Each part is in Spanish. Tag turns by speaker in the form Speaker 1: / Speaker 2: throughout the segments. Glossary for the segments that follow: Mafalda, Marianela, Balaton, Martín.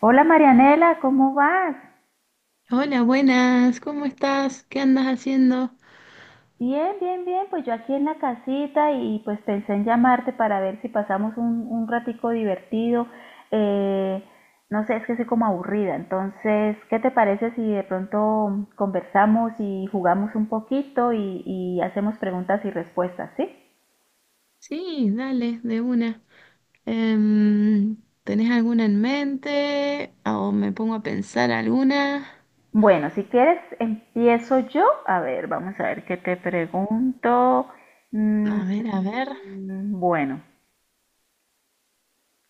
Speaker 1: Hola, Marianela, ¿cómo vas?
Speaker 2: Hola, buenas, ¿cómo estás? ¿Qué andas haciendo?
Speaker 1: Bien, bien, bien, pues yo aquí en la casita y pues pensé en llamarte para ver si pasamos un ratico divertido. Eh, no sé, es que soy como aburrida, entonces, ¿qué te parece si de pronto conversamos y jugamos un poquito y hacemos preguntas y respuestas, sí?
Speaker 2: Sí, dale, de una. Em, ¿Tenés alguna en mente? ¿O me pongo a pensar alguna?
Speaker 1: Bueno, si quieres, empiezo yo. A ver, vamos a ver qué te pregunto. Mm,
Speaker 2: A ver,
Speaker 1: bueno,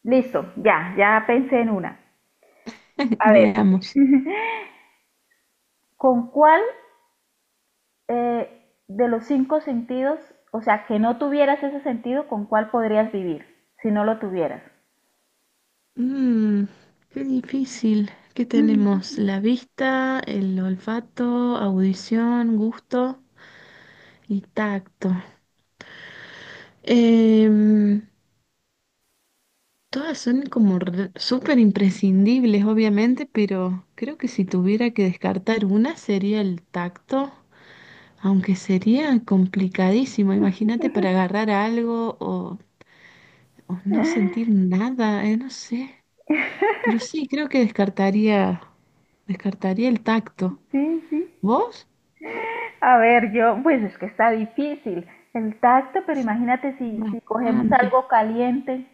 Speaker 1: listo, ya pensé en una.
Speaker 2: veamos.
Speaker 1: ¿Con cuál, de los cinco sentidos, o sea, que no tuvieras ese sentido, con cuál podrías vivir si no lo tuvieras?
Speaker 2: Mm, Qué difícil. ¿Qué tenemos? La vista, el olfato, audición, gusto y tacto. Em, Todas son como súper imprescindibles, obviamente, pero creo que si tuviera que descartar una sería el tacto, aunque sería complicadísimo. Imagínate para agarrar algo o no sentir nada, no sé. Pero sí, creo que descartaría, descartaría el tacto.
Speaker 1: Sí, sí.
Speaker 2: ¿Vos?
Speaker 1: A ver, yo, pues es que está difícil el tacto, pero imagínate si, si cogemos
Speaker 2: Bastante.
Speaker 1: algo caliente,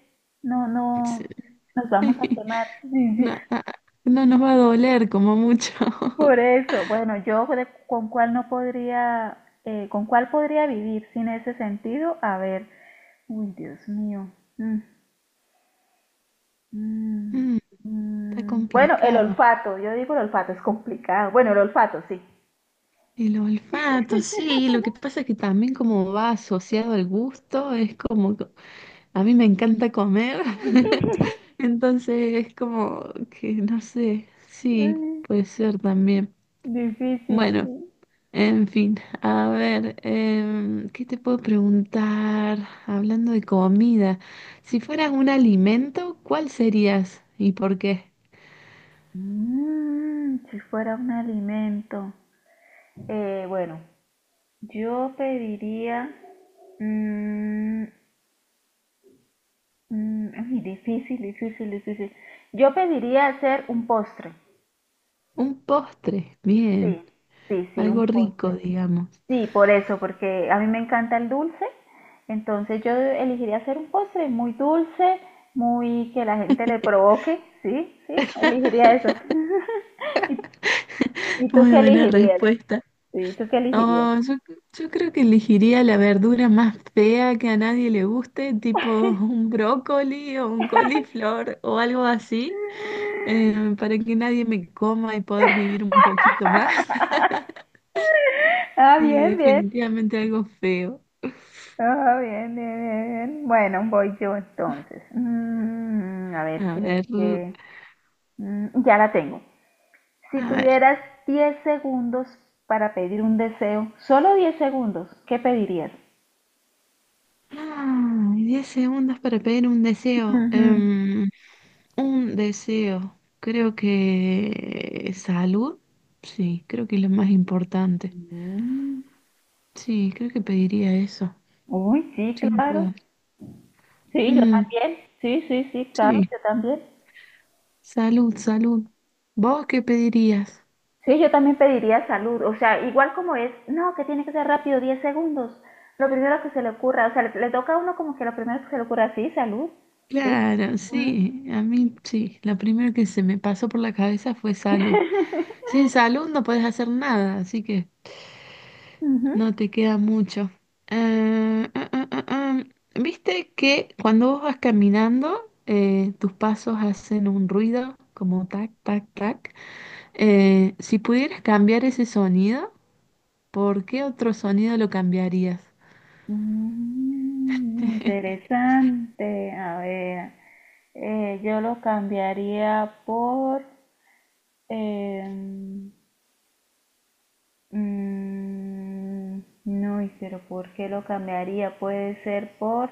Speaker 1: no,
Speaker 2: Sí.
Speaker 1: no, nos vamos a quemar. Sí, sí.
Speaker 2: No, no nos va a doler como mucho.
Speaker 1: Por eso, bueno, con cuál no podría, con cuál podría vivir sin ese sentido, a ver, uy, Dios mío. Mm. Mm,
Speaker 2: Mm, Está
Speaker 1: bueno, el
Speaker 2: complicado.
Speaker 1: olfato, yo digo el olfato, es complicado. Bueno, el olfato, sí.
Speaker 2: El olfato, sí, lo que pasa es que también como va asociado al gusto, es como, a mí me encanta comer, entonces es como que no sé, sí,
Speaker 1: Mm,
Speaker 2: puede ser también.
Speaker 1: difícil,
Speaker 2: Bueno,
Speaker 1: sí.
Speaker 2: en fin, a ver, ¿qué te puedo preguntar? Hablando de comida, si fueras un alimento, ¿cuál serías y por qué?
Speaker 1: Si fuera un alimento. Bueno, yo pediría... mm, ay, difícil, difícil, difícil. Yo pediría hacer un postre.
Speaker 2: Un postre, bien,
Speaker 1: Sí, sí, sí, un
Speaker 2: algo rico,
Speaker 1: postre.
Speaker 2: digamos.
Speaker 1: Sí, por eso, porque a mí me encanta el dulce, entonces yo elegiría hacer un postre muy dulce, muy que la gente le provoque, sí, sí, elegiría eso. ¿Y tú
Speaker 2: Muy
Speaker 1: qué
Speaker 2: buena
Speaker 1: elegirías?
Speaker 2: respuesta.
Speaker 1: Sí, ¿tú qué elegirías?
Speaker 2: Oh, yo creo que elegiría la verdura más fea que a nadie le guste, tipo un brócoli o un coliflor o algo así, para que nadie me coma y poder vivir un poquito más.
Speaker 1: Ah,
Speaker 2: Sí,
Speaker 1: bien, bien.
Speaker 2: definitivamente algo feo.
Speaker 1: Ah, bien, bien, bien, bien. Bueno, voy yo entonces. A ver,
Speaker 2: A ver,
Speaker 1: ya la tengo. Si
Speaker 2: a ver.
Speaker 1: tuvieras 10 segundos para pedir un deseo, solo 10 segundos, ¿qué pedirías?
Speaker 2: Ah, 10 segundos para pedir un deseo.
Speaker 1: Ujú.
Speaker 2: Un deseo. Creo que salud. Sí, creo que es lo más importante.
Speaker 1: Mm.
Speaker 2: Sí, creo que pediría eso.
Speaker 1: Uy, sí,
Speaker 2: Sin
Speaker 1: claro.
Speaker 2: duda.
Speaker 1: Sí, yo
Speaker 2: Mm,
Speaker 1: también. Sí, sí, sí, claro,
Speaker 2: sí,
Speaker 1: yo también.
Speaker 2: salud, salud. ¿Vos qué pedirías?
Speaker 1: Sí, yo también pediría salud. O sea, igual como es, no, que tiene que ser rápido, 10 segundos. Lo primero que se le ocurra. O sea, le toca a uno como que lo primero que se le ocurra, sí, salud. Sí.
Speaker 2: Claro,
Speaker 1: Mm,
Speaker 2: sí, a mí sí. La primera que se me pasó por la cabeza fue salud. Sin salud no puedes hacer nada, así que
Speaker 1: ujú.
Speaker 2: no te queda mucho. Eh, ah, ah, ah, ah. ¿Viste que cuando vos vas caminando, tus pasos hacen un ruido como tac, tac, tac? Si pudieras cambiar ese sonido, ¿por qué otro sonido lo cambiarías?
Speaker 1: Mm, interesante. A ver, yo lo cambiaría por... em, no, y pero ¿por qué lo cambiaría? Puede ser por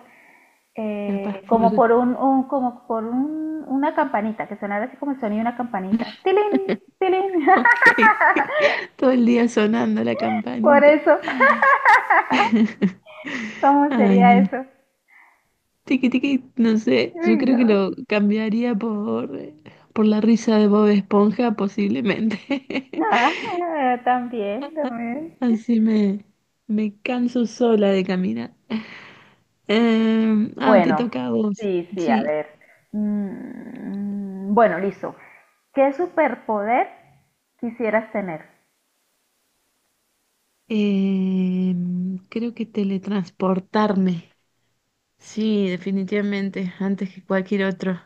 Speaker 2: Capaz por...
Speaker 1: como por como por un, una campanita que sonara así como el sonido de una campanita. Tilín, tilín.
Speaker 2: Ok. Todo el día sonando la
Speaker 1: Por
Speaker 2: campanita.
Speaker 1: eso, ¿cómo
Speaker 2: Ay,
Speaker 1: sería
Speaker 2: no.
Speaker 1: eso?
Speaker 2: Tiki, tiki, no sé. Yo
Speaker 1: Uy,
Speaker 2: creo que
Speaker 1: no.
Speaker 2: lo cambiaría por la risa de Bob Esponja, posiblemente.
Speaker 1: Ah, también, también.
Speaker 2: Así me canso sola de caminar. Te
Speaker 1: Bueno,
Speaker 2: toca a vos.
Speaker 1: sí, sí, a
Speaker 2: Sí.
Speaker 1: ver. Bueno, listo. ¿Qué superpoder quisieras tener?
Speaker 2: Creo que teletransportarme. Sí, definitivamente, antes que cualquier otro.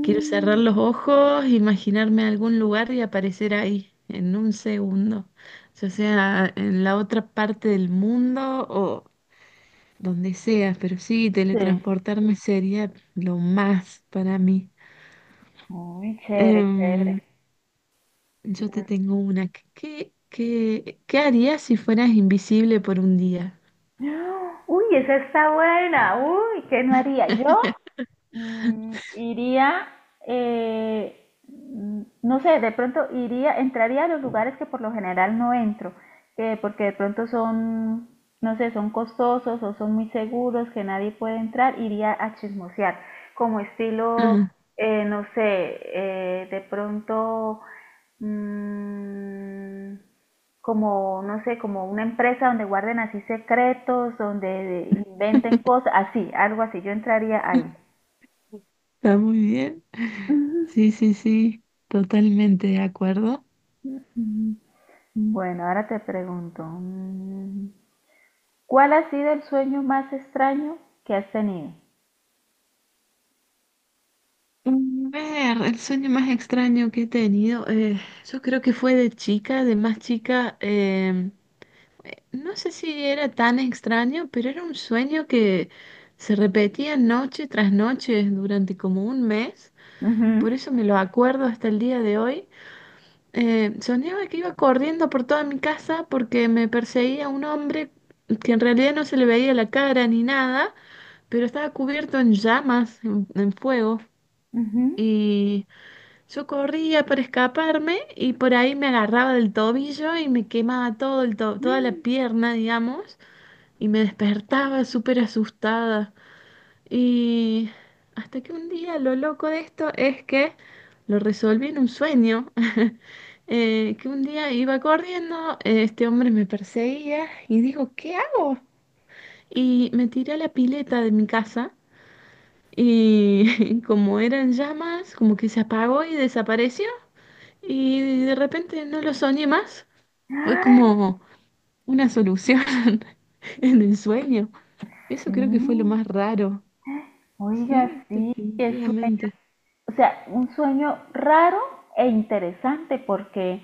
Speaker 2: Quiero cerrar los ojos, imaginarme algún lugar y aparecer ahí en un segundo, ya sea en la otra parte del mundo o donde sea, pero sí,
Speaker 1: sí.
Speaker 2: teletransportarme sería lo más para mí.
Speaker 1: Muy chévere,
Speaker 2: Em,
Speaker 1: chévere.
Speaker 2: yo te tengo una. ¿Qué harías si fueras invisible por un día?
Speaker 1: ¡Ah! Uy, esa está buena. Uy, ¿qué no haría? Yo iría, no sé, de pronto iría, entraría a los lugares que por lo general no entro, que porque de pronto son, no sé, son costosos o son muy seguros, que nadie puede entrar, iría a chismosear, como estilo, no sé, de pronto mm, como, no sé, como una empresa donde guarden así secretos, donde inventen cosas, así, algo así, yo entraría ahí.
Speaker 2: Está muy bien.
Speaker 1: Ujú.
Speaker 2: Sí, sí, sí, totalmente de acuerdo.
Speaker 1: Bueno, ahora te pregunto, ¿cuál ha sido el sueño más extraño que has tenido?
Speaker 2: A ver, el sueño más extraño que he tenido, yo creo que fue de chica, de más chica, no sé si era tan extraño, pero era un sueño que se repetía noche tras noche durante como un mes,
Speaker 1: Ujú,
Speaker 2: por eso me lo acuerdo hasta el día de hoy. Soñaba que iba corriendo por toda mi casa porque me perseguía un hombre que en realidad no se le veía la cara ni nada, pero estaba cubierto en llamas, en fuego.
Speaker 1: ujú.
Speaker 2: Y yo corría para escaparme y por ahí me agarraba del tobillo y me quemaba todo el toda la pierna, digamos, y me despertaba súper asustada. Y hasta que un día lo loco de esto es que lo resolví en un sueño. Que un día iba corriendo, este hombre me perseguía y digo, ¿qué hago? Y me tiré a la pileta de mi casa y como eran llamas, como que se apagó y desapareció. Y de repente no lo soñé más. Fue
Speaker 1: ¡Ah!
Speaker 2: como una solución en el sueño. Eso creo que fue lo
Speaker 1: Sí,
Speaker 2: más raro.
Speaker 1: oiga,
Speaker 2: Sí,
Speaker 1: sí, qué sueño,
Speaker 2: definitivamente.
Speaker 1: o sea, un sueño raro e interesante porque,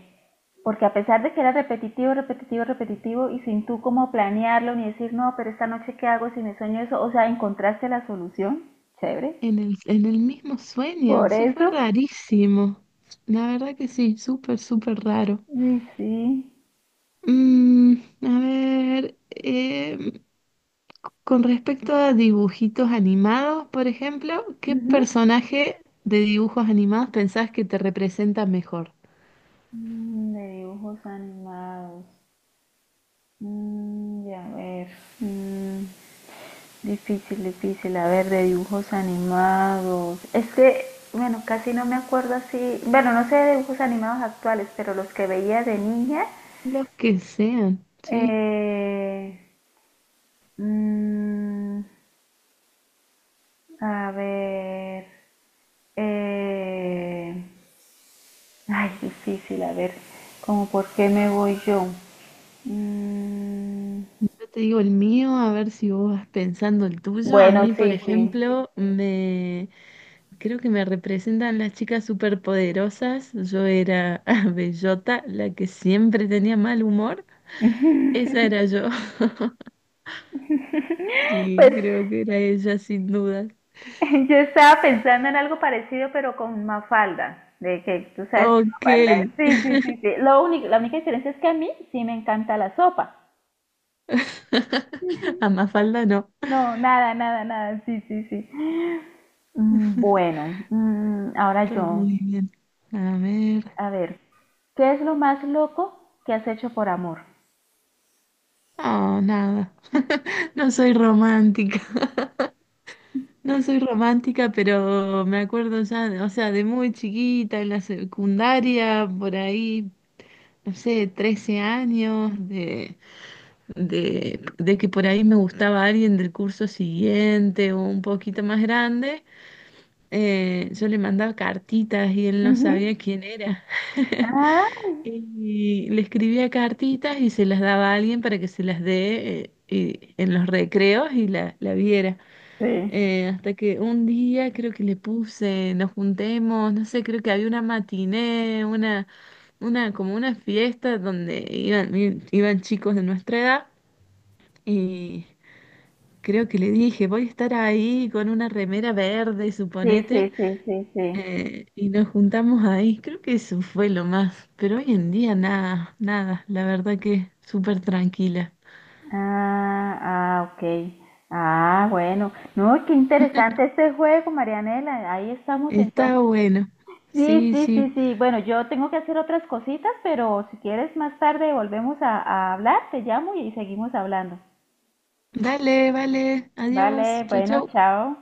Speaker 1: porque a pesar de que era repetitivo, repetitivo, repetitivo y sin tú cómo planearlo ni decir, no, pero esta noche qué hago si me sueño eso, o sea, encontraste la solución, chévere.
Speaker 2: En el mismo sueño.
Speaker 1: Por
Speaker 2: Sí, fue
Speaker 1: eso,
Speaker 2: rarísimo. La verdad que sí, súper, súper raro.
Speaker 1: sí, sí.
Speaker 2: Mm, a ver, con respecto a dibujitos animados, por ejemplo, ¿qué
Speaker 1: Ujú.
Speaker 2: personaje de dibujos animados pensás que te representa mejor?
Speaker 1: De dibujos animados. Ya ver. Mm, Difícil, difícil. A ver, de dibujos animados. Es que, bueno, casi no me acuerdo así. Bueno, no sé de dibujos animados actuales, pero los que veía de niña.
Speaker 2: Los que sean, sí.
Speaker 1: eh, mm, a ver. eh, ay, difícil. A ver, como por qué me voy yo. Mm,
Speaker 2: Yo te digo el mío, a ver si vos vas pensando el tuyo. A
Speaker 1: bueno,
Speaker 2: mí, por
Speaker 1: sí, sí.
Speaker 2: ejemplo, me creo que me representan las chicas superpoderosas. Yo era Bellota, la que siempre tenía mal humor. Esa era yo. Sí,
Speaker 1: Pues
Speaker 2: creo que era ella, sin duda.
Speaker 1: yo estaba pensando en algo parecido, pero con Mafalda, de que tú sabes que
Speaker 2: Ok.
Speaker 1: Mafalda es. Sí, sí, sí, sí. Lo único, la única diferencia es que a mí sí me encanta la sopa.
Speaker 2: A Mafalda no.
Speaker 1: No, nada, nada, nada. Sí, sí, sí. Bueno, ahora
Speaker 2: Está
Speaker 1: yo.
Speaker 2: muy bien. A ver.
Speaker 1: A ver, ¿qué es lo más loco que has hecho por amor?
Speaker 2: Oh, nada. No soy romántica. No soy romántica, pero me acuerdo ya, o sea, de muy chiquita, en la secundaria, por ahí, no sé, 13 años, de que por ahí me gustaba alguien del curso siguiente o un poquito más grande. Yo le mandaba cartitas y él no
Speaker 1: Ujú.
Speaker 2: sabía quién era.
Speaker 1: Ay.
Speaker 2: Y le escribía cartitas y se las daba a alguien para que se las dé en los recreos y la viera.
Speaker 1: Sí.
Speaker 2: Hasta que un día creo que le puse, nos juntemos, no sé, creo que había una matiné, como una fiesta donde iban chicos de nuestra edad y creo que le dije, voy a estar ahí con una remera verde,
Speaker 1: Sí, sí,
Speaker 2: suponete,
Speaker 1: sí, sí, sí.
Speaker 2: y nos juntamos ahí. Creo que eso fue lo más, pero hoy en día nada, nada, la verdad que súper tranquila.
Speaker 1: Ah, ah, ok. Ah, bueno. No, qué interesante este juego, Marianela. Ahí estamos entonces.
Speaker 2: Está bueno.
Speaker 1: Sí,
Speaker 2: Sí,
Speaker 1: sí,
Speaker 2: sí.
Speaker 1: sí, sí. Bueno, yo tengo que hacer otras cositas, pero si quieres más tarde volvemos a hablar, te llamo y seguimos hablando.
Speaker 2: Dale, vale. Adiós.
Speaker 1: Vale,
Speaker 2: Chau,
Speaker 1: bueno,
Speaker 2: chau.
Speaker 1: chao.